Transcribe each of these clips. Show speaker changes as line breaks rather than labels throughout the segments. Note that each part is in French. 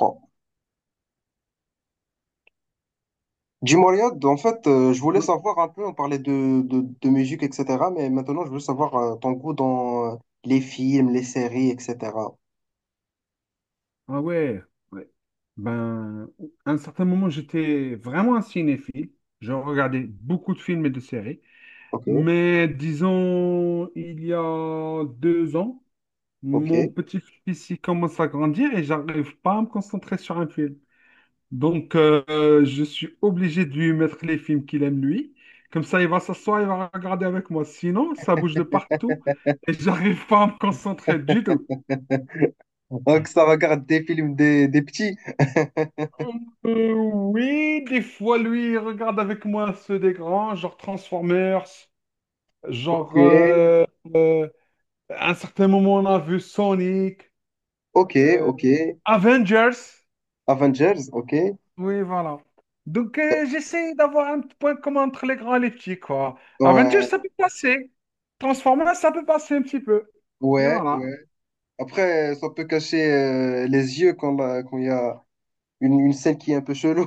Oh. Dis-moi, Riyad, en fait, je voulais
Ouais.
savoir un peu, on parlait de musique, etc. Mais maintenant, je veux savoir ton goût dans les films, les séries, etc.
Ah ouais, ouais. Ben, à un certain moment, j'étais vraiment un cinéphile. Je regardais beaucoup de films et de séries.
Ok,
Mais disons, il y a 2 ans, mon
ok.
petit-fils il commence à grandir et j'arrive pas à me concentrer sur un film. Donc, je suis obligé de lui mettre les films qu'il aime lui. Comme ça, il va s'asseoir, il va regarder avec moi. Sinon, ça bouge de partout et j'arrive pas à me concentrer du tout.
Donc, ça regarde des films des petits.
Oui, des fois, lui, il regarde avec moi ceux des grands, genre Transformers,
Ok,
genre... euh, euh, à un certain moment, on a vu Sonic,
ok,
euh,
ok.
Avengers.
Avengers, ok.
Oui, voilà. Donc, j'essaie d'avoir un petit point commun entre les grands et les petits, quoi. Avengers,
Ouais,
ça peut passer. Transformers, ça peut passer un petit peu. Et
ouais,
voilà.
ouais. Après, ça peut cacher les yeux quand quand il y a une scène qui est un peu chelou.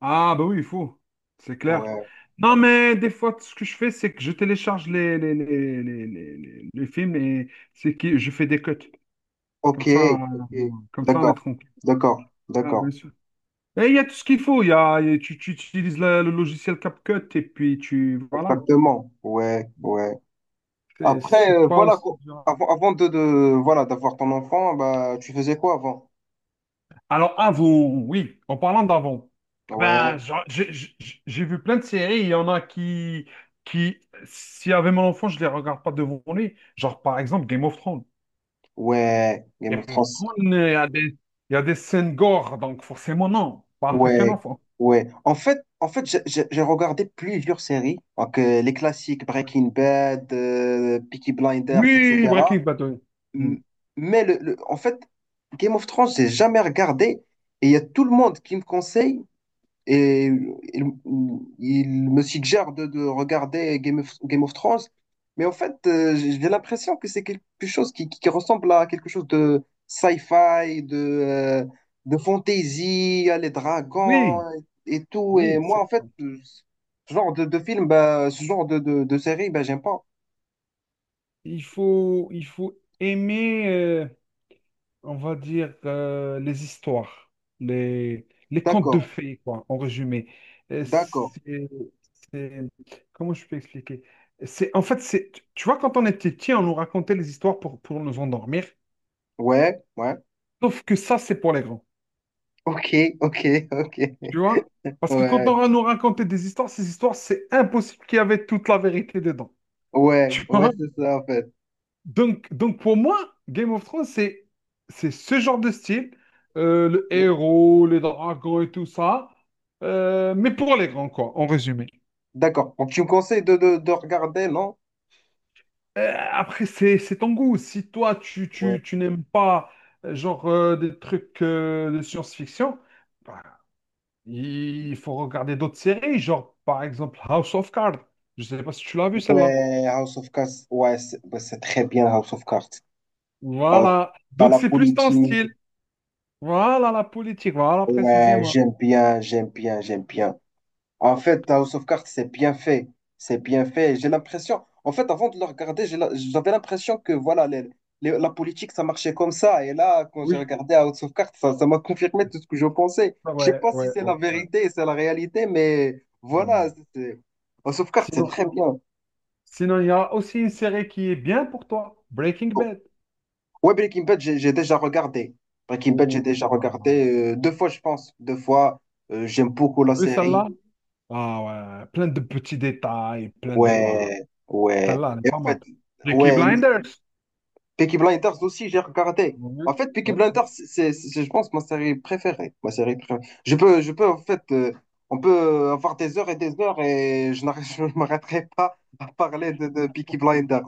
Ah, bah oui, il faut. C'est clair.
Ouais,
Non, mais des fois, ce que je fais, c'est que je télécharge les films et c'est que je fais des cuts.
ok,
Comme ça, euh,
ok.
Comme ça, on est
D'accord,
tranquille.
d'accord,
Ah, bien
d'accord.
sûr. Et il y a tout ce qu'il faut. Tu, utilises le logiciel CapCut et puis tu. Voilà.
Exactement. Ouais, ouais.
C'est
Après,
c'est pas
voilà,
aussi
quoi.
dur.
Avant voilà, d'avoir ton enfant, bah, tu faisais quoi avant?
Alors, avant, oui, en parlant d'avant, ben,
Ouais,
j'ai vu plein de séries, il y en a qui, s'il y avait mon enfant, je les regarde pas devant lui. Genre, par exemple, Game of Thrones.
ouais, Game
Game
of
of
Thrones.
Thrones, il y a des scènes gore, donc forcément, non, pas avec un
Ouais,
enfant.
ouais. En fait, j'ai regardé plusieurs séries, donc, les classiques Breaking Bad, Peaky Blinders,
Oui,
etc.
Breaking Bad, oui. Mm.
M- Mais en fait, Game of Thrones, j'ai jamais regardé et il y a tout le monde qui me conseille. Et il, il me suggère de regarder Game of Thrones. Mais en fait, j'ai l'impression que c'est quelque chose qui ressemble à quelque chose de sci-fi, de fantasy, à les dragons
Oui,
et tout. Et
oui,
moi, en fait, ce genre de film, bah, ce genre de série, bah, j'aime pas.
il faut aimer. On va dire, les histoires, les contes de
D'accord,
fées, quoi, en résumé. Euh,
d'accord.
C'est, c'est- Comment je peux expliquer? En fait, tu vois, quand on était petit, on nous racontait les histoires pour nous endormir,
Ouais, ouais.
sauf que ça, c'est pour les grands,
Ok, ok, ok.
tu vois? Parce que quand
Ouais,
on va nous raconter des histoires, ces histoires, c'est impossible qu'il y avait toute la vérité dedans,
ouais,
tu
ouais,
vois?
c'est ça, en fait.
Donc, pour moi, Game of Thrones, c'est ce genre de style, le
Ok.
héros, les dragons et tout ça, mais pour les grands, quoi, en résumé.
D'accord. Donc, tu me conseilles de regarder, non?
Après, c'est ton goût. Si toi,
Ouais.
tu n'aimes pas, des trucs de science-fiction, bah, il faut regarder d'autres séries, genre, par exemple, House of Cards. Je sais pas si tu l'as vu, celle-là.
House of Cards, ouais, c'est bah, c'est très bien House of Cards. Euh,
Voilà.
dans
Donc,
la
c'est plus ton
politique,
style. Voilà la politique, voilà
ouais,
précisément.
j'aime bien, j'aime bien, j'aime bien. En fait, House of Cards, c'est bien fait. C'est bien fait. J'ai l'impression, en fait, avant de le regarder, j'avais l'impression que voilà, la politique, ça marchait comme ça. Et là, quand j'ai
Oui.
regardé House of Cards, ça m'a confirmé tout ce que je pensais.
Ah,
Je sais
ouais,
pas si
ouais,
c'est
ouais,
la
ouais.
vérité, c'est la réalité, mais voilà,
Hmm.
c'est- c'est- House of Cards, c'est
Sinon,
très bien.
sinon, il y a aussi une série qui est bien pour toi, Breaking Bad.
Ouais, Breaking Bad, j'ai déjà regardé. Breaking Bad, j'ai
Ouh
déjà
là.
regardé deux fois, je pense. Deux fois. J'aime beaucoup
T'as
la
vu
série.
celle-là? Ah ouais, plein de petits détails, Ah,
Ouais, ouais.
celle-là, elle est
Et en
pas mal.
fait,
Peaky
ouais,
Blinders.
Peaky Blinders aussi, j'ai regardé.
Ouais,
En fait, Peaky
ouais,
Blinders, c'est, je pense, ma série préférée. Ma série préférée. Je peux, en fait, on peut avoir des heures et je ne m'arrêterai pas à parler
ouais.
de Peaky Blinders.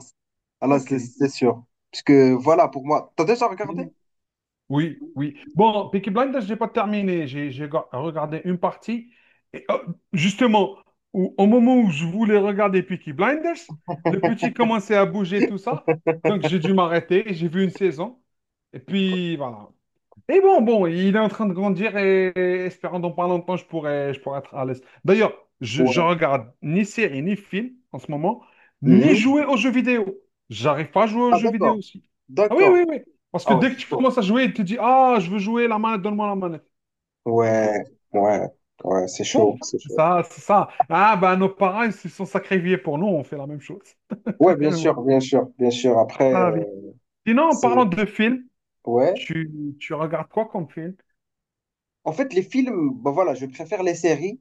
Alors,
Ok.
c'est sûr. Parce que, voilà, pour moi, t'as déjà regardé?
Oui, oui. Bon, Peaky Blinders, j'ai pas terminé. J'ai regardé une partie. Et, oh, justement, au moment où je voulais regarder Peaky Blinders, le petit commençait à bouger, tout ça. Donc, j'ai dû m'arrêter. J'ai vu une saison. Et puis, voilà. Mais bon, il est en train de grandir et, espérant dans pas longtemps, je pourrais être à l'aise. D'ailleurs, je
Ouais.
regarde ni série, ni film en ce moment, ni
Mhm.
jouer aux jeux vidéo. J'arrive pas à jouer aux
Ah,
jeux vidéo
d'accord,
aussi. Ah oui,
d'accord.
oui, oui. Parce que
Ah ouais,
dès que
c'est
tu
chaud.
commences à jouer, tu te dis, ah, je veux jouer, la manette, donne-moi la manette. Et puis,
Ouais, ouais, ouais, c'est chaud,
bon,
c'est chaud.
ça, c'est ça. Ah, ben, nos parents, ils se sont sacrifiés pour nous, on fait la même chose.
Ouais, bien sûr, bien sûr, bien sûr. Après,
Voilà la vie. Sinon, en
c'est.
parlant de films,
Ouais.
tu, tu regardes quoi comme film?
En fait, les films, bah voilà, je préfère les séries.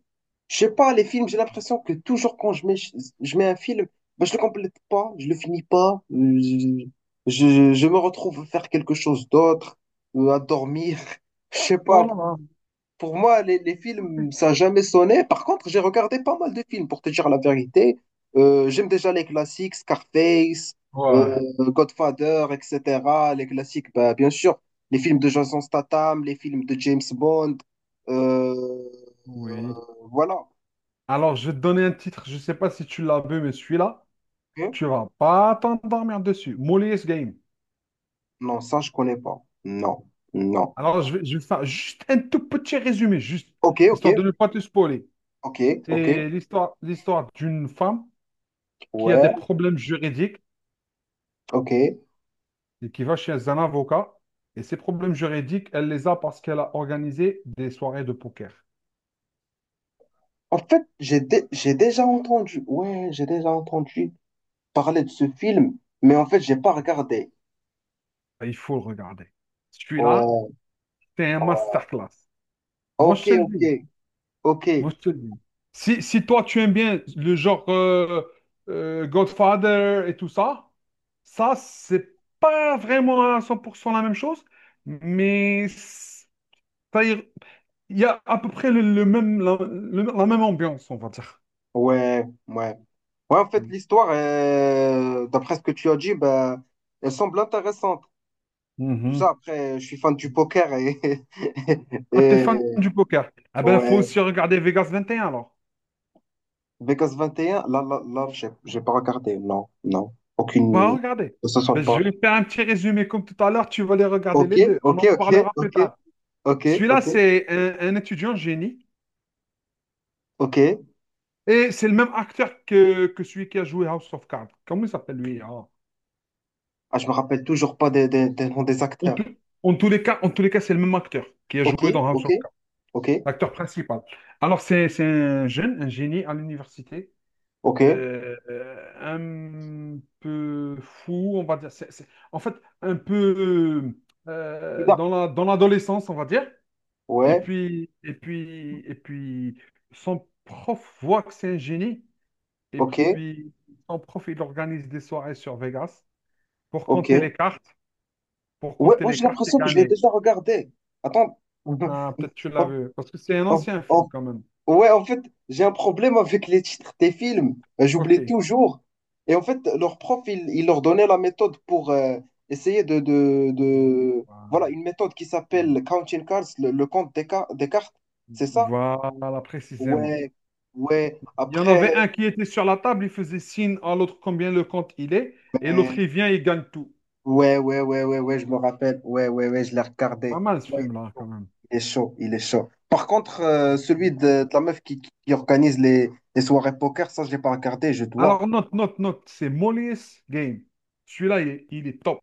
Je sais pas, les films, j'ai l'impression que toujours quand je mets un film, bah, je le complète pas, je le finis pas. Je me retrouve à faire quelque chose d'autre, à dormir. Je sais
Oh
pas.
là là.
Pour moi, les films, ça n'a jamais sonné. Par contre, j'ai regardé pas mal de films, pour te dire la vérité. J'aime déjà les classiques, Scarface,
Ouais.
Godfather, etc. Les classiques, bah, bien sûr. Les films de Jason Statham, les films de James Bond. Euh, euh,
Oui.
voilà.
Alors, je vais te donner un titre, je ne sais pas si tu l'as vu, mais celui-là,
Ok.
tu vas pas t'endormir dessus. Molly's Game.
Non, ça, je connais pas. Non, non.
Alors, je vais faire juste un tout petit résumé, juste,
Ok, ok,
histoire de ne pas te spoiler.
ok, ok.
C'est l'histoire d'une femme qui a des
Ouais,
problèmes juridiques
ok.
et qui va chez un avocat. Et ces problèmes juridiques, elle les a parce qu'elle a organisé des soirées de poker.
En fait, j'ai déjà entendu. Ouais, j'ai déjà entendu parler de ce film, mais en fait, j'ai pas regardé.
Et il faut le regarder. Celui-là,
Ouais,
c'est un
ouais.
masterclass. Moi, je
Ok,
te le
ok,
dis.
ok.
Moi, je te le dis. Si toi, tu aimes bien le genre Godfather et tout ça, ça, c'est pas vraiment à 100% la même chose, mais c'est-à-dire, il y a à peu près le même, la, le- la même ambiance, on va dire.
Ouais, ouais. Ouais, en fait, l'histoire, d'après ce que tu as dit, bah, elle semble intéressante. Tout ça,
Mhm.
après, je suis fan du poker et,
Ah, t'es
et
fan du poker? Ah ben, faut
ouais.
aussi regarder Vegas 21, alors.
Vegas 21, là, j'ai pas regardé. Non, non.
Pas
Aucune.
regarder.
Ne se sent
Ben,
pas.
je vais faire un petit résumé comme tout à l'heure, tu vas les regarder
Ok,
les deux. On
ok,
en
ok,
parlera plus
ok,
tard.
ok,
Celui-là,
ok,
c'est un étudiant génie.
ok.
Et c'est le même acteur que celui qui a joué House of Cards. Comment il s'appelle lui? Hein?
Ah, je me rappelle toujours pas des noms des
En,
acteurs.
tout- En tous les cas, c'est le même acteur qui a
Ok,
joué dans House
ok,
of Cards,
ok.
l'acteur principal. Alors, c'est un jeune, un génie à l'université,
Ok.
euh, euh, un peu fou, on va dire. En fait, un peu
Ida.
dans dans l'adolescence, on va dire.
Ouais.
Et puis, son prof voit que c'est un génie. Et
Ok.
puis, son prof, il organise des soirées sur Vegas, pour
Ok.
compter les cartes, pour
Ouais,
compter
ouais,
les
j'ai
cartes et
l'impression que je l'ai
gagner.
déjà regardé. Attends.
Ah, peut-être tu l'as
En-
vu, parce que c'est un
en-
ancien film
en-
quand même.
Ouais, en fait, j'ai un problème avec les titres des films.
Ok.
J'oublie toujours. Et en fait, leur prof, il leur donnait la méthode pour essayer voilà, une méthode qui s'appelle Counting Cards, le compte des cartes. C'est ça?
Voilà, précisément.
Ouais. Ouais.
Il y en avait un
Après.
qui était sur la table, il faisait signe à l'autre combien le compte il est, et l'autre
Ben,
il vient, il gagne tout.
ouais, ouais, ouais, ouais, ouais, je me rappelle. Ouais, ouais, ouais, je l'ai
C'est pas
regardé.
mal ce
Ouais,
film-là quand même.
il est chaud, il est chaud. Il est chaud. Par contre, celui de la meuf qui organise les soirées poker, ça, je l'ai pas regardé, je dois.
Alors, note, note, note, c'est Molly's Game. Celui-là, il est top.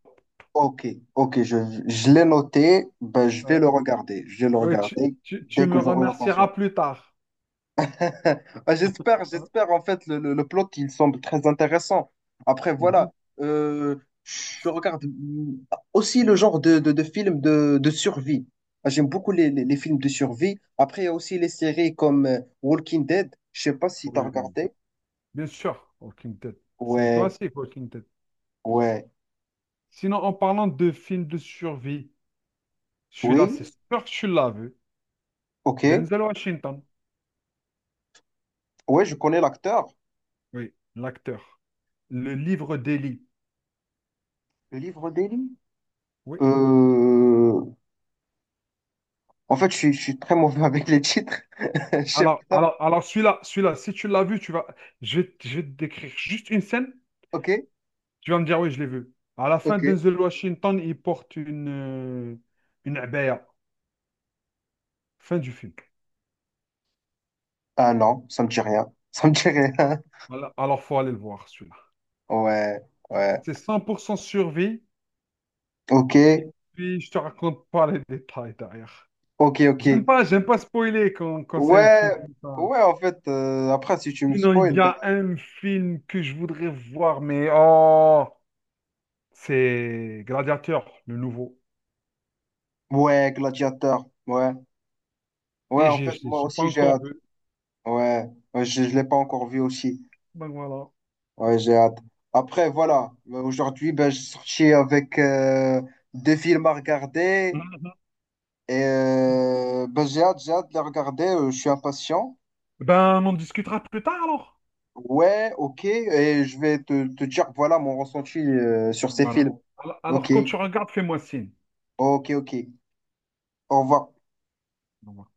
Ok, ok, je l'ai noté, ben, je vais
Ouais.
le regarder. Je vais le
Ouais,
regarder
tu
dès
me
que j'aurai
remercieras
l'occasion.
plus tard.
Ah, j'espère en fait le plot il semble très intéressant. Après
Mhm.
voilà, euh, je regarde aussi le genre de films de survie. Ah, j'aime beaucoup les films de survie. Après il y a aussi les séries comme Walking Dead. Je sais pas si t'as
Oui.
regardé.
Bien sûr, Walking Dead. C'est un
Ouais,
classique, Walking Dead.
ouais,
Sinon, en parlant de films de survie, celui-là, c'est
oui,
sûr que tu l'as vu.
ok.
Denzel Washington,
Ouais, je connais l'acteur.
oui, l'acteur. Le livre d'Eli.
Le livre d'Eli.
Oui.
Euh... En fait, je suis très mauvais avec les titres. Je sais pas.
Alors celui-là, si tu l'as vu, tu vas. Je vais je vais te décrire juste une scène.
Ok,
Tu vas me dire, oui, je l'ai vu. À la fin,
ok.
Denzel Washington, il porte une abaya. Fin du film.
Ah non, ça me dit rien. Ça me dit rien.
Voilà. Alors, faut aller le voir, celui-là.
Ouais, ouais.
C'est 100% survie.
Ok,
Et puis, je te raconte pas les détails derrière.
ok, ok.
J'aime pas spoiler quand c'est un
Ouais,
film comme ça.
ouais, en fait, après, si tu me
Sinon, il
spoil,
y
bah,
a un film que je voudrais voir, mais oh, c'est Gladiateur, le nouveau.
ouais, Gladiator. Ouais, ouais,
Et
en fait, moi
j'ai pas
aussi, j'ai
encore
hâte.
vu.
Ouais, ouais, je ne l'ai pas encore vu aussi.
Ben voilà.
Ouais, j'ai hâte. Après, voilà, aujourd'hui, ben, je suis sorti avec deux films à regarder.
Mhm.
Et ben, j'ai hâte de les regarder. Je suis impatient.
Ben, on en discutera plus tard alors.
Ouais, ok. Et je vais te dire, voilà, mon ressenti sur ces
Voilà.
films. Ok,
Quand tu regardes, fais-moi signe.
ok, ok. Au revoir.
Au revoir.